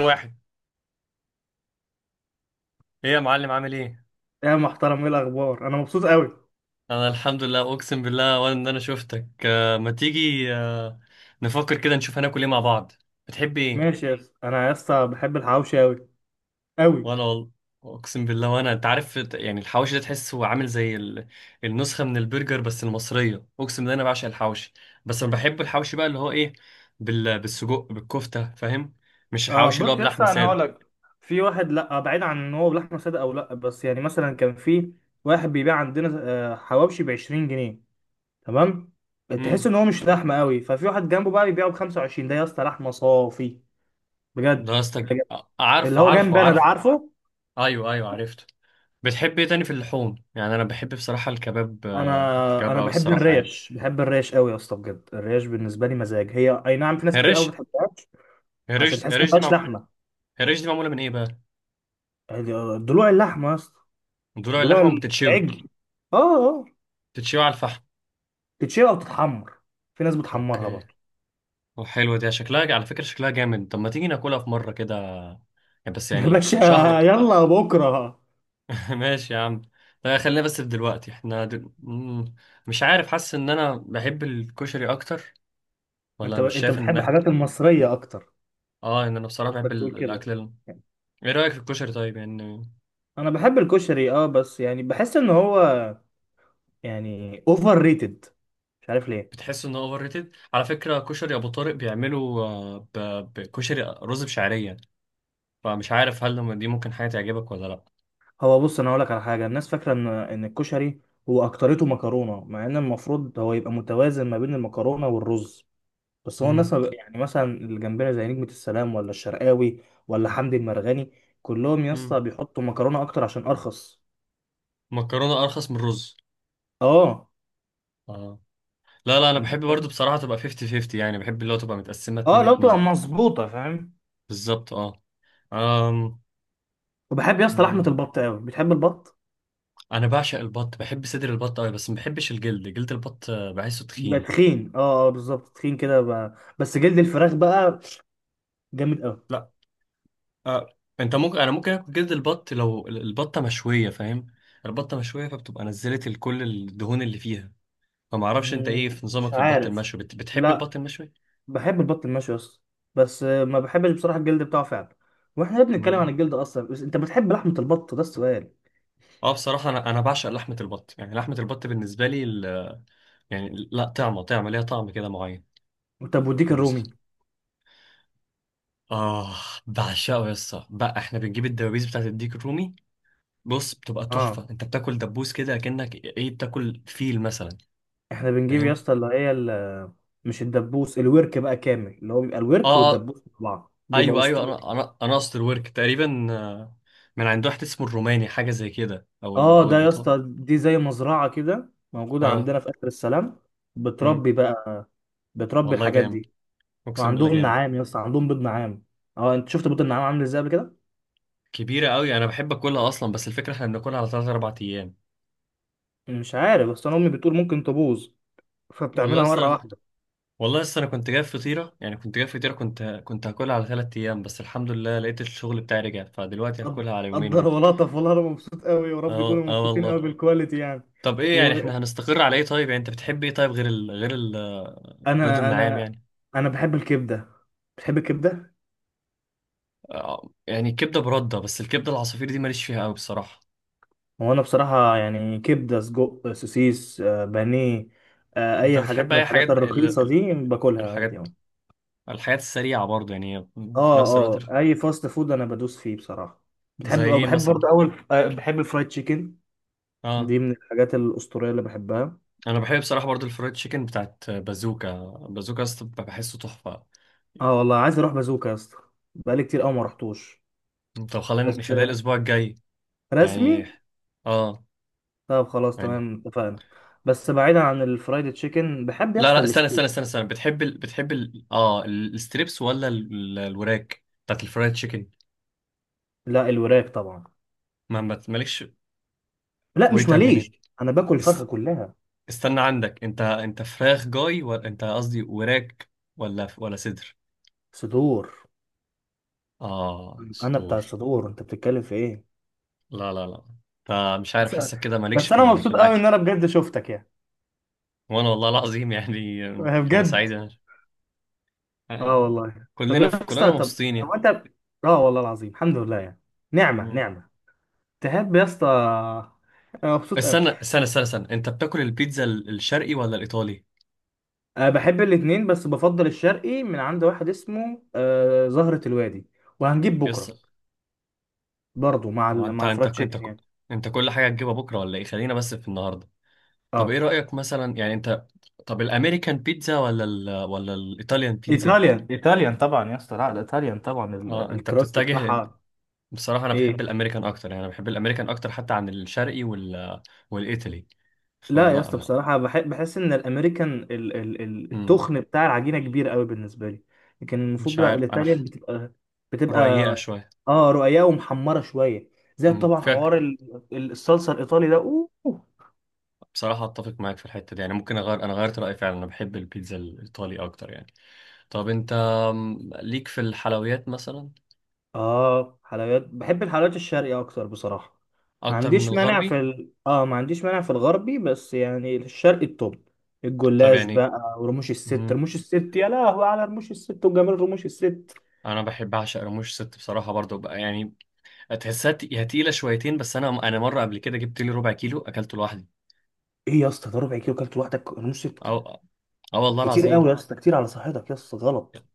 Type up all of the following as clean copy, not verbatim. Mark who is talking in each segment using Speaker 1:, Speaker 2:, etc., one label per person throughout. Speaker 1: واحد. ايه يا معلم، عامل ايه؟
Speaker 2: يا محترم، ايه الاخبار؟ انا مبسوط قوي.
Speaker 1: انا الحمد لله، اقسم بالله ولا ان انا شفتك. ما تيجي نفكر كده، نشوف هناكل ايه مع بعض. بتحب ايه؟
Speaker 2: ماشي يا اسطى، انا يا اسطى بحب الحواوشي قوي قوي.
Speaker 1: وانا والله، اقسم بالله. وانا انت عارف يعني، الحواشي ده تحسه عامل زي النسخه من البرجر بس المصريه. اقسم بالله انا بعشق الحواشي. بس انا بحب الحواشي بقى اللي هو ايه؟ بالسجق، بالكفته، فاهم؟ مش
Speaker 2: اه
Speaker 1: الحواشي اللي هو
Speaker 2: بص يا اسطى،
Speaker 1: بلحمه
Speaker 2: انا
Speaker 1: ساده.
Speaker 2: هقول لك. في واحد لا بعيد عن ان هو لحمه ساده او لا، بس يعني مثلا كان في واحد بيبيع عندنا حواوشي ب 20 جنيه. تمام. تحس
Speaker 1: امم
Speaker 2: ان هو مش لحمه قوي، ففي واحد جنبه بقى بيبيعه ب 25، ده يا اسطى لحمه صافي،
Speaker 1: ده
Speaker 2: بجد
Speaker 1: قصدك.
Speaker 2: بجد. اللي
Speaker 1: عارفه،
Speaker 2: هو
Speaker 1: عارفه،
Speaker 2: جنبي انا ده
Speaker 1: عارفه.
Speaker 2: عارفه.
Speaker 1: ايوه، ايوه، عرفته. بتحب ايه تاني في اللحوم؟ يعني انا بحب بصراحه الكباب،
Speaker 2: انا
Speaker 1: الكباب،
Speaker 2: انا
Speaker 1: او
Speaker 2: بحب
Speaker 1: الصراحه يعني.
Speaker 2: الريش، بحب الريش قوي يا اسطى، بجد الريش بالنسبه لي مزاج، هي اي نعم، في ناس
Speaker 1: هي
Speaker 2: كتير قوي
Speaker 1: الريش.
Speaker 2: ما بتحبهاش
Speaker 1: هي
Speaker 2: عشان
Speaker 1: الريش. هي
Speaker 2: تحس ان ما
Speaker 1: الريش دي
Speaker 2: فيهاش
Speaker 1: مع...
Speaker 2: لحمه.
Speaker 1: هي الريش دي معموله من ايه بقى؟
Speaker 2: ضلوع اللحمه يا اسطى،
Speaker 1: ضلوع
Speaker 2: ضلوع
Speaker 1: اللحمه بتتشوي
Speaker 2: العجل. اه. اه.
Speaker 1: بتتشوي على الفحم.
Speaker 2: تتشيل او تتحمر، في ناس بتحمرها
Speaker 1: اوكي.
Speaker 2: برضه.
Speaker 1: وحلوه دي، شكلها على فكره شكلها جامد. طب ما تيجي ناكلها في مره كده، يعني بس
Speaker 2: يا
Speaker 1: يعني
Speaker 2: باشا،
Speaker 1: شهر.
Speaker 2: يلا بكره.
Speaker 1: ماشي يا عم. لا، خلينا بس في دلوقتي، احنا دل... مم، مش عارف، حاسس ان انا بحب الكشري اكتر،
Speaker 2: انت
Speaker 1: ولا مش
Speaker 2: انت
Speaker 1: شايف
Speaker 2: بتحب
Speaker 1: ان...
Speaker 2: الحاجات المصريه اكتر،
Speaker 1: اه، ان انا بصراحه بحب
Speaker 2: قصدك تقول
Speaker 1: الاكل
Speaker 2: كده.
Speaker 1: ايه رايك في الكشري طيب يعني؟
Speaker 2: انا بحب الكشري اه، بس يعني بحس ان هو يعني اوفر ريتد، مش عارف ليه.
Speaker 1: بتحس انه اوفر ريتد؟ على فكره كشري ابو طارق بيعملوا بكشري رز بشعريه، فمش عارف هل لما دي ممكن حاجه تعجبك ولا لا.
Speaker 2: هو بص، انا هقول لك على حاجه. الناس فاكره ان الكشري هو اكترته مكرونه، مع ان المفروض هو يبقى متوازن ما بين المكرونه والرز، بس هو الناس
Speaker 1: امم
Speaker 2: ما بق- يعني مثلا اللي جنبنا زي نجمة السلام ولا الشرقاوي ولا حمدي المرغني، كلهم يا اسطى
Speaker 1: امم
Speaker 2: بيحطوا مكرونة أكتر عشان أرخص.
Speaker 1: مكرونه ارخص من الرز.
Speaker 2: اه.
Speaker 1: اه. لا لا، انا
Speaker 2: أنت
Speaker 1: بحب
Speaker 2: فاهم؟
Speaker 1: برضو بصراحه تبقى 50 50، يعني بحب اللي هو تبقى متقسمه
Speaker 2: اه،
Speaker 1: 2
Speaker 2: لو
Speaker 1: 2.
Speaker 2: تبقى مظبوطة فاهم.
Speaker 1: بالظبط اه. أم.
Speaker 2: وبحب يا اسطى لحمة
Speaker 1: مم.
Speaker 2: البط أوي، بتحب البط؟
Speaker 1: انا بعشق البط، بحب صدر البط قوي، بس ما بحبش الجلد. جلد البط بحسه
Speaker 2: بيبقى
Speaker 1: تخين.
Speaker 2: تخين، اه اه بالظبط، تخين كده بقى. بس جلد الفراخ بقى جامد أوي.
Speaker 1: لا. آه. انت ممكن، انا ممكن اكل جلد البط لو البطه مشويه، فاهم؟ البطه مشويه فبتبقى نزلت كل الدهون اللي فيها، فما اعرفش انت ايه في نظامك
Speaker 2: مش
Speaker 1: في البط
Speaker 2: عارف.
Speaker 1: المشوي، بتحب
Speaker 2: لا،
Speaker 1: البط المشوي؟
Speaker 2: بحب البط المشوي يا اسطى، بس ما بحبش بصراحة الجلد بتاعه فعلا. واحنا ليه بنتكلم عن
Speaker 1: مم.
Speaker 2: الجلد أصلا؟ بس أنت بتحب لحمة البط، ده السؤال.
Speaker 1: اه بصراحه، انا بعشق لحمه البط، يعني لحمه البط بالنسبه لي يعني لا، طعمه ليها طعم كده معين.
Speaker 2: طب وديك
Speaker 1: ومس...
Speaker 2: الرومي؟
Speaker 1: اه، بعشقه يا اسطى. بقى احنا بنجيب الدبابيس بتاعت الديك الرومي. بص بتبقى
Speaker 2: اه.
Speaker 1: تحفه، انت بتاكل دبوس كده كأنك ايه، بتاكل فيل مثلا،
Speaker 2: احنا بنجيب يا
Speaker 1: فاهم؟
Speaker 2: اسطى اللي هي مش الدبوس، الورك بقى كامل، اللي هو بيبقى
Speaker 1: اه.
Speaker 2: الورك والدبوس مع بعض بيبقى
Speaker 1: ايوه، ايوه،
Speaker 2: اسطوري.
Speaker 1: انا اصل ورك تقريبا من عند واحد اسمه الروماني حاجه زي كده، او ال
Speaker 2: اه،
Speaker 1: او
Speaker 2: ده يا
Speaker 1: الايطالي.
Speaker 2: اسطى دي زي مزرعه كده موجوده
Speaker 1: اه.
Speaker 2: عندنا في اخر السلام،
Speaker 1: امم
Speaker 2: بتربي بقى، بتربي
Speaker 1: والله
Speaker 2: الحاجات
Speaker 1: جامد،
Speaker 2: دي.
Speaker 1: اقسم بالله
Speaker 2: وعندهم
Speaker 1: جامد.
Speaker 2: نعام يا اسطى، عندهم بيض نعام. اه، انت شفت بيض النعام عامل ازاي قبل كده؟
Speaker 1: كبيره قوي، انا بحب اكلها اصلا، بس الفكره احنا بناكلها على 3 4 ايام.
Speaker 2: مش عارف، بس انا امي بتقول ممكن تبوظ،
Speaker 1: والله
Speaker 2: فبتعملها مره
Speaker 1: اصلا،
Speaker 2: واحده.
Speaker 1: والله اصلا انا كنت جايب فطيره، يعني كنت جايب فطيره، كنت هاكلها على 3 ايام. بس الحمد لله لقيت الشغل بتاعي رجع، فدلوقتي
Speaker 2: قد-
Speaker 1: هاكلها على يومين
Speaker 2: قدر
Speaker 1: اهو.
Speaker 2: ولطف، والله انا مبسوط قوي، ورب
Speaker 1: اه
Speaker 2: يكونوا
Speaker 1: اه
Speaker 2: مبسوطين
Speaker 1: والله.
Speaker 2: قوي بالكواليتي يعني.
Speaker 1: طب ايه يعني،
Speaker 2: وانا،
Speaker 1: احنا هنستقر على ايه طيب؟ يعني انت بتحب ايه طيب غير غير البيض
Speaker 2: انا
Speaker 1: النعام يعني؟
Speaker 2: انا بحب الكبده. بتحب الكبده؟
Speaker 1: يعني كبدة برده، بس الكبدة العصافير دي ماليش فيها قوي بصراحة.
Speaker 2: هو انا بصراحه يعني كبده، سجق، سوسيس، بانيه،
Speaker 1: انت
Speaker 2: اي
Speaker 1: بتحب
Speaker 2: حاجات من
Speaker 1: اي حاجات
Speaker 2: الحاجات الرخيصه دي باكلها عادي
Speaker 1: الحاجات
Speaker 2: يعني.
Speaker 1: الحاجات السريعة برضه، يعني في
Speaker 2: اه.
Speaker 1: نفس الوقت
Speaker 2: اه، اي فاست فود انا بدوس فيه بصراحه.
Speaker 1: زي
Speaker 2: بتحب او
Speaker 1: ايه
Speaker 2: بحب
Speaker 1: مثلا؟
Speaker 2: برضه اول، بحب الفرايد تشيكن،
Speaker 1: اه.
Speaker 2: دي من الحاجات الاسطوريه اللي بحبها.
Speaker 1: انا بحب بصراحة برضه الفرايد تشيكن بتاعت بازوكا. بازوكا يا اسطى بحسه تحفة.
Speaker 2: اه والله، عايز اروح بازوكا يا اسطى، بقالي كتير قوي ما رحتوش.
Speaker 1: طب خلينا
Speaker 2: بس
Speaker 1: نخليها الاسبوع الجاي
Speaker 2: رسمي.
Speaker 1: يعني. اه
Speaker 2: طب خلاص،
Speaker 1: يعني.
Speaker 2: تمام، اتفقنا. بس بعيدا عن الفرايد تشيكن، بحب يا
Speaker 1: لا
Speaker 2: اسطى
Speaker 1: لا، استنى استنى
Speaker 2: الستيك.
Speaker 1: استنى استنى، بتحب اه الستريبس، ولا الوراك بتاعت الفرايد تشيكن؟
Speaker 2: لا، الوراك طبعا.
Speaker 1: مالكش.
Speaker 2: لا مش
Speaker 1: ويت ا
Speaker 2: ماليش،
Speaker 1: مينيت.
Speaker 2: انا باكل الفرخه كلها.
Speaker 1: استنى عندك، انت فراخ جاي ولا انت، قصدي وراك ولا صدر؟
Speaker 2: صدور.
Speaker 1: اه،
Speaker 2: انا بتاع
Speaker 1: صدور.
Speaker 2: الصدور، انت بتتكلم في ايه؟
Speaker 1: لا لا لا، انت مش عارف،
Speaker 2: مش عارف.
Speaker 1: حاسك كده مالكش
Speaker 2: بس
Speaker 1: في
Speaker 2: انا
Speaker 1: في
Speaker 2: مبسوط قوي
Speaker 1: الاكل.
Speaker 2: ان انا بجد شفتك يعني،
Speaker 1: وانا والله العظيم يعني. انا
Speaker 2: بجد.
Speaker 1: سعيد، انا
Speaker 2: اه
Speaker 1: آه،
Speaker 2: والله، طب
Speaker 1: كلنا
Speaker 2: يا
Speaker 1: كلنا
Speaker 2: اسطى طب
Speaker 1: مبسوطين يعني.
Speaker 2: هو انت، اه والله العظيم الحمد لله يعني، نعمه
Speaker 1: مم.
Speaker 2: نعمه. تحب يا اسطى، انا مبسوط قوي.
Speaker 1: استنى استنى استنى استنى، انت بتاكل البيتزا الشرقي ولا الايطالي؟
Speaker 2: أه بحب الاتنين، بس بفضل الشرقي من عند واحد اسمه أه زهرة الوادي، وهنجيب
Speaker 1: يس.
Speaker 2: بكره برضو مع
Speaker 1: هو انت،
Speaker 2: مع
Speaker 1: انت
Speaker 2: الفرايد
Speaker 1: انت
Speaker 2: تشيكن يعني.
Speaker 1: انت كل حاجه هتجيبها بكره ولا ايه؟ خلينا بس في النهارده. طب ايه
Speaker 2: اه.
Speaker 1: رايك مثلا يعني انت؟ طب الامريكان بيتزا ولا ولا الايطاليان بيتزا؟
Speaker 2: ايطاليان، ايطاليان طبعا يا اسطى، لا الايطاليان طبعا
Speaker 1: اه انت
Speaker 2: الكراست
Speaker 1: بتتجه.
Speaker 2: بتاعها
Speaker 1: بصراحة انا بحب
Speaker 2: ايه.
Speaker 1: الامريكان اكتر، يعني انا بحب الامريكان اكتر حتى عن الشرقي والايطالي.
Speaker 2: لا
Speaker 1: فلا
Speaker 2: يا اسطى
Speaker 1: لا.
Speaker 2: بصراحة بحس إن الأمريكان
Speaker 1: امم
Speaker 2: التخن بتاع العجينة كبير قوي بالنسبة لي، لكن المفروض
Speaker 1: مش
Speaker 2: بتاع
Speaker 1: عارف انا
Speaker 2: الإيطاليان بتبقى، بتبقى
Speaker 1: رقيقة شوية.
Speaker 2: اه رقيقة ومحمرة شوية، زي طبعا
Speaker 1: فيك
Speaker 2: حوار الصلصة الإيطالي ده أوه.
Speaker 1: بصراحة. اتفق معاك في الحتة دي يعني، ممكن اغير، انا غيرت رأيي فعلا، انا بحب البيتزا الايطالي اكتر يعني. طب انت ليك في الحلويات مثلا؟
Speaker 2: اه، حلويات، بحب الحلويات الشرقية أكتر بصراحة. ما
Speaker 1: اكتر من
Speaker 2: عنديش مانع في
Speaker 1: الغربي.
Speaker 2: اه ما عنديش مانع في الغربي، بس يعني الشرقي التوب،
Speaker 1: طب
Speaker 2: الجلاش
Speaker 1: يعني.
Speaker 2: بقى ورموش الست،
Speaker 1: امم
Speaker 2: رموش الست، يا لهوي على رموش الست وجمال رموش الست.
Speaker 1: انا بحب، اعشق رموش ست بصراحة برضو بقى يعني، تحسها تقيلة شويتين، بس انا مرة قبل كده جبت لي ربع كيلو اكلته لوحدي.
Speaker 2: ايه يا اسطى، ده ربع كيلو كلت لوحدك رموش ست؟
Speaker 1: اه. اه والله
Speaker 2: كتير قوي
Speaker 1: العظيم.
Speaker 2: يا اسطى، كتير على صحتك يا اسطى، غلط.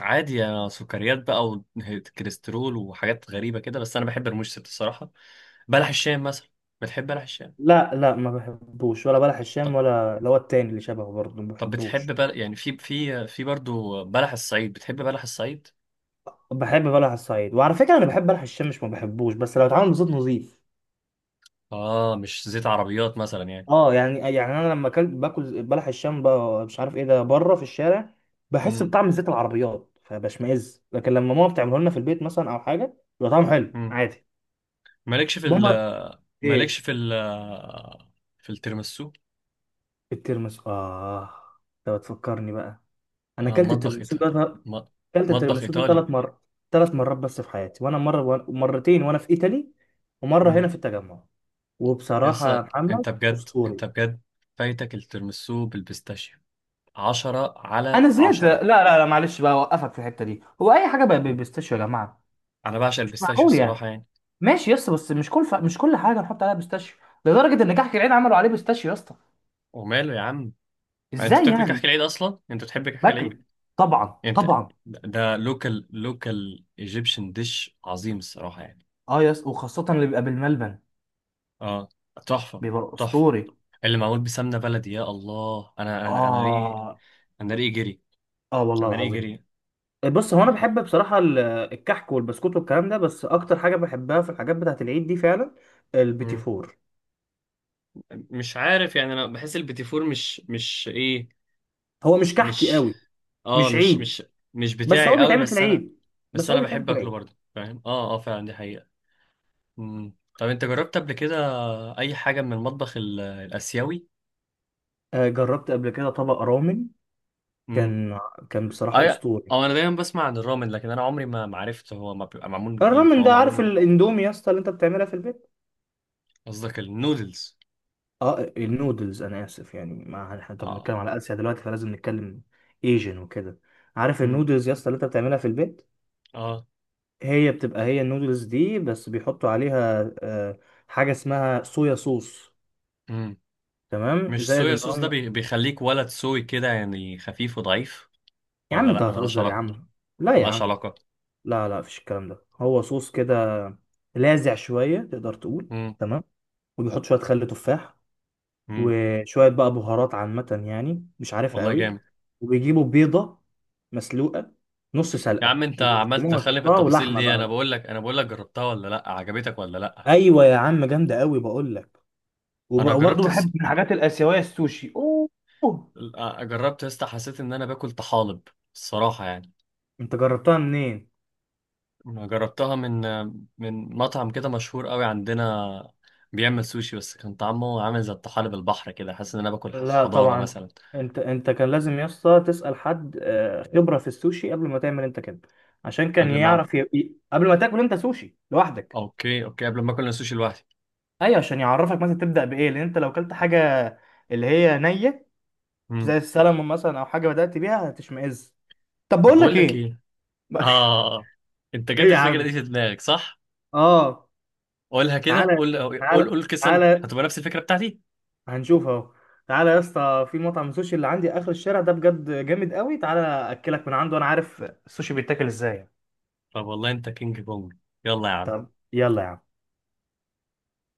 Speaker 1: عادي، يا سكريات بقى وكوليسترول وحاجات غريبه كده، بس انا بحب المشطه الصراحه. بلح الشام مثلا، بتحب بلح الشام؟
Speaker 2: لا لا، ما بحبوش ولا بلح الشام،
Speaker 1: طب،
Speaker 2: ولا اللي هو التاني اللي شبهه برضه ما
Speaker 1: طب بتحب
Speaker 2: بحبوش.
Speaker 1: يعني في برضو بلح الصعيد، بتحب بلح الصعيد؟
Speaker 2: بحب بلح الصعيد، وعلى فكره انا بحب بلح الشام، مش ما بحبوش، بس لو اتعمل بزيت نظيف.
Speaker 1: اه، مش زيت عربيات مثلا يعني.
Speaker 2: اه يعني، يعني انا لما اكلت باكل بلح الشام بقى مش عارف ايه ده بره في الشارع، بحس
Speaker 1: امم
Speaker 2: بطعم زيت العربيات فبشمئز، لكن لما ماما بتعمله لنا في البيت مثلا او حاجه بيبقى طعمه حلو
Speaker 1: امم
Speaker 2: عادي.
Speaker 1: مالكش في
Speaker 2: ماما.
Speaker 1: ال مالكش
Speaker 2: ايه؟
Speaker 1: في ال في التيراميسو.
Speaker 2: الترمس، اه. انت بتفكرني بقى، انا اكلت
Speaker 1: مطبخ
Speaker 2: الترمس
Speaker 1: ايطالي.
Speaker 2: ده،
Speaker 1: م-
Speaker 2: اكلت
Speaker 1: مطبخ
Speaker 2: التيراميسو
Speaker 1: ايطالي.
Speaker 2: 3 مرات، 3 مرات بس في حياتي، وانا مره، مرتين وانا في ايطالي، ومره هنا
Speaker 1: امم
Speaker 2: في التجمع.
Speaker 1: يس.
Speaker 2: وبصراحه يا محمد،
Speaker 1: انت بجد، انت
Speaker 2: اسطوري.
Speaker 1: بجد، فايتك التيراميسو بالبيستاشيو، عشرة على
Speaker 2: انا زهقت، لا
Speaker 1: عشرة.
Speaker 2: لا لا معلش بقى، اوقفك في الحته دي. هو اي حاجه بقى بيستاشيو يا جماعه؟
Speaker 1: أنا بعشق
Speaker 2: مش
Speaker 1: البيستاشيو
Speaker 2: معقول يعني.
Speaker 1: الصراحة يعني.
Speaker 2: ماشي يا اسطى، بس مش كل مش كل حاجه نحط عليها بيستاشيو، لدرجه ان كحك العين عملوا عليه بيستاشيو يا اسطى.
Speaker 1: وماله يا عم؟ ما أنت
Speaker 2: ازاي
Speaker 1: بتاكل كحك
Speaker 2: يعني؟
Speaker 1: العيد أصلا، أنت بتحب كحك
Speaker 2: باكله،
Speaker 1: العيد؟
Speaker 2: طبعا
Speaker 1: أنت،
Speaker 2: طبعا.
Speaker 1: ده لوكال، لوكال ايجيبشن ديش، عظيم الصراحة يعني.
Speaker 2: اه يا اسطى وخاصه اللي بيبقى بالملبن،
Speaker 1: أه، تحفة.
Speaker 2: بيبقى
Speaker 1: تحفة.
Speaker 2: اسطوري.
Speaker 1: اللي معمول بسمنة بلدي، يا الله، أنا ريقي،
Speaker 2: اه.
Speaker 1: أنا ريقي جري.
Speaker 2: اه والله
Speaker 1: أنا ريقي
Speaker 2: العظيم.
Speaker 1: جري.
Speaker 2: بص، هو انا بحب بصراحه الكحك والبسكوت والكلام ده، بس اكتر حاجه بحبها في الحاجات بتاعه العيد دي فعلا، البيتي
Speaker 1: مم.
Speaker 2: فور.
Speaker 1: مش عارف يعني، أنا بحس البيتي فور مش إيه،
Speaker 2: هو مش كحكي
Speaker 1: مش
Speaker 2: قوي،
Speaker 1: أه
Speaker 2: مش
Speaker 1: مش
Speaker 2: عيد،
Speaker 1: مش مش
Speaker 2: بس
Speaker 1: بتاعي
Speaker 2: هو
Speaker 1: قوي،
Speaker 2: بيتعمل في
Speaker 1: بس أنا،
Speaker 2: العيد
Speaker 1: بس
Speaker 2: بس هو
Speaker 1: أنا
Speaker 2: بيتعمل
Speaker 1: بحب
Speaker 2: في
Speaker 1: أكله
Speaker 2: العيد.
Speaker 1: برضه، فاهم؟ أه أه فعلا، دي حقيقة. طب انت جربت قبل كده اي حاجه من المطبخ الاسيوي؟
Speaker 2: جربت قبل كده طبق رامن.
Speaker 1: امم
Speaker 2: كان، كان بصراحه
Speaker 1: اي.
Speaker 2: اسطوري.
Speaker 1: او انا دايما بسمع عن الرامن، لكن انا عمري ما عرفت هو ما بيبقى معمول من ايه،
Speaker 2: الرامن
Speaker 1: فهو
Speaker 2: ده،
Speaker 1: معمول
Speaker 2: عارف
Speaker 1: من؟
Speaker 2: الاندومي يا اسطى اللي انت بتعملها في البيت.
Speaker 1: قصدك النودلز.
Speaker 2: اه النودلز، انا اسف يعني، ما احنا طب
Speaker 1: اه.
Speaker 2: بنتكلم على اسيا دلوقتي فلازم نتكلم ايجن وكده. عارف
Speaker 1: امم
Speaker 2: النودلز يا اسطى اللي انت بتعملها في البيت،
Speaker 1: اه.
Speaker 2: هي بتبقى هي النودلز دي، بس بيحطوا عليها حاجة اسمها صويا صوص،
Speaker 1: امم
Speaker 2: تمام،
Speaker 1: مش
Speaker 2: زائد
Speaker 1: صويا
Speaker 2: ان
Speaker 1: صوص ده
Speaker 2: هم.
Speaker 1: بيخليك ولد سوي كده يعني، خفيف وضعيف؟
Speaker 2: يا عم
Speaker 1: ولا
Speaker 2: انت
Speaker 1: لا، ملهاش
Speaker 2: هتهزر يا
Speaker 1: علاقه.
Speaker 2: عم، لا يا
Speaker 1: ملهاش
Speaker 2: عم،
Speaker 1: علاقه.
Speaker 2: لا لا مفيش الكلام ده، هو صوص كده لاذع شوية تقدر تقول،
Speaker 1: امم
Speaker 2: تمام. وبيحط شوية خل تفاح،
Speaker 1: امم
Speaker 2: وشوية بقى بهارات عامة يعني مش عارفها
Speaker 1: والله
Speaker 2: قوي.
Speaker 1: جامد.
Speaker 2: وبيجيبوا بيضة مسلوقة نص
Speaker 1: يا
Speaker 2: سلقة،
Speaker 1: عم، انت عمال
Speaker 2: وبيسلقوها،
Speaker 1: تدخلني في
Speaker 2: يحطها
Speaker 1: التفاصيل
Speaker 2: ولحمة
Speaker 1: ليه؟ انا
Speaker 2: بقى.
Speaker 1: بقول لك انا بقول لك جربتها ولا لا، عجبتك ولا لا؟
Speaker 2: ايوه يا عم، جامدة قوي بقول لك.
Speaker 1: انا
Speaker 2: وبرضه
Speaker 1: جربت.
Speaker 2: بحب من الحاجات الآسيوية السوشي، أوه. أوه.
Speaker 1: لا، جربت يا اسطى، حسيت ان انا باكل طحالب الصراحه يعني.
Speaker 2: انت جربتها منين؟
Speaker 1: ما جربتها من مطعم كده مشهور قوي عندنا، بيعمل سوشي، بس كان طعمه عامل زي الطحالب البحر كده، حاسس ان انا باكل
Speaker 2: لا
Speaker 1: خضاره
Speaker 2: طبعا.
Speaker 1: مثلا.
Speaker 2: انت، انت كان لازم يا اسطى تسأل حد خبرة في السوشي قبل ما تعمل انت كده، عشان كان
Speaker 1: قبل ما اعمل.
Speaker 2: يعرف قبل ما تاكل انت سوشي لوحدك.
Speaker 1: اوكي اوكي، قبل ما اكل السوشي لوحدي.
Speaker 2: ايوه، عشان يعرفك مثلا تبدأ بايه، لان انت لو كلت حاجة اللي هي نية
Speaker 1: امم
Speaker 2: زي السلمون مثلا او حاجة بدأت بيها هتشمئز. طب
Speaker 1: طب
Speaker 2: بقول
Speaker 1: بقول
Speaker 2: لك
Speaker 1: لك
Speaker 2: ايه؟
Speaker 1: ايه؟ اه. انت
Speaker 2: إيه
Speaker 1: جت
Speaker 2: يا
Speaker 1: الفكره دي
Speaker 2: عم؟
Speaker 1: في دماغك صح؟
Speaker 2: اه.
Speaker 1: قولها كده،
Speaker 2: تعالى
Speaker 1: قول. قول،
Speaker 2: تعالى
Speaker 1: قول كده، سنه
Speaker 2: تعالى،
Speaker 1: هتبقى نفس الفكره بتاعتي.
Speaker 2: هنشوف اهو. تعالى يا اسطى، في مطعم سوشي اللي عندي اخر الشارع ده بجد جامد قوي، تعالى اكلك من عنده، انا عارف السوشي بيتاكل ازاي.
Speaker 1: طب والله انت كينج كونج. يلا يا عم.
Speaker 2: طب يلا يا عم.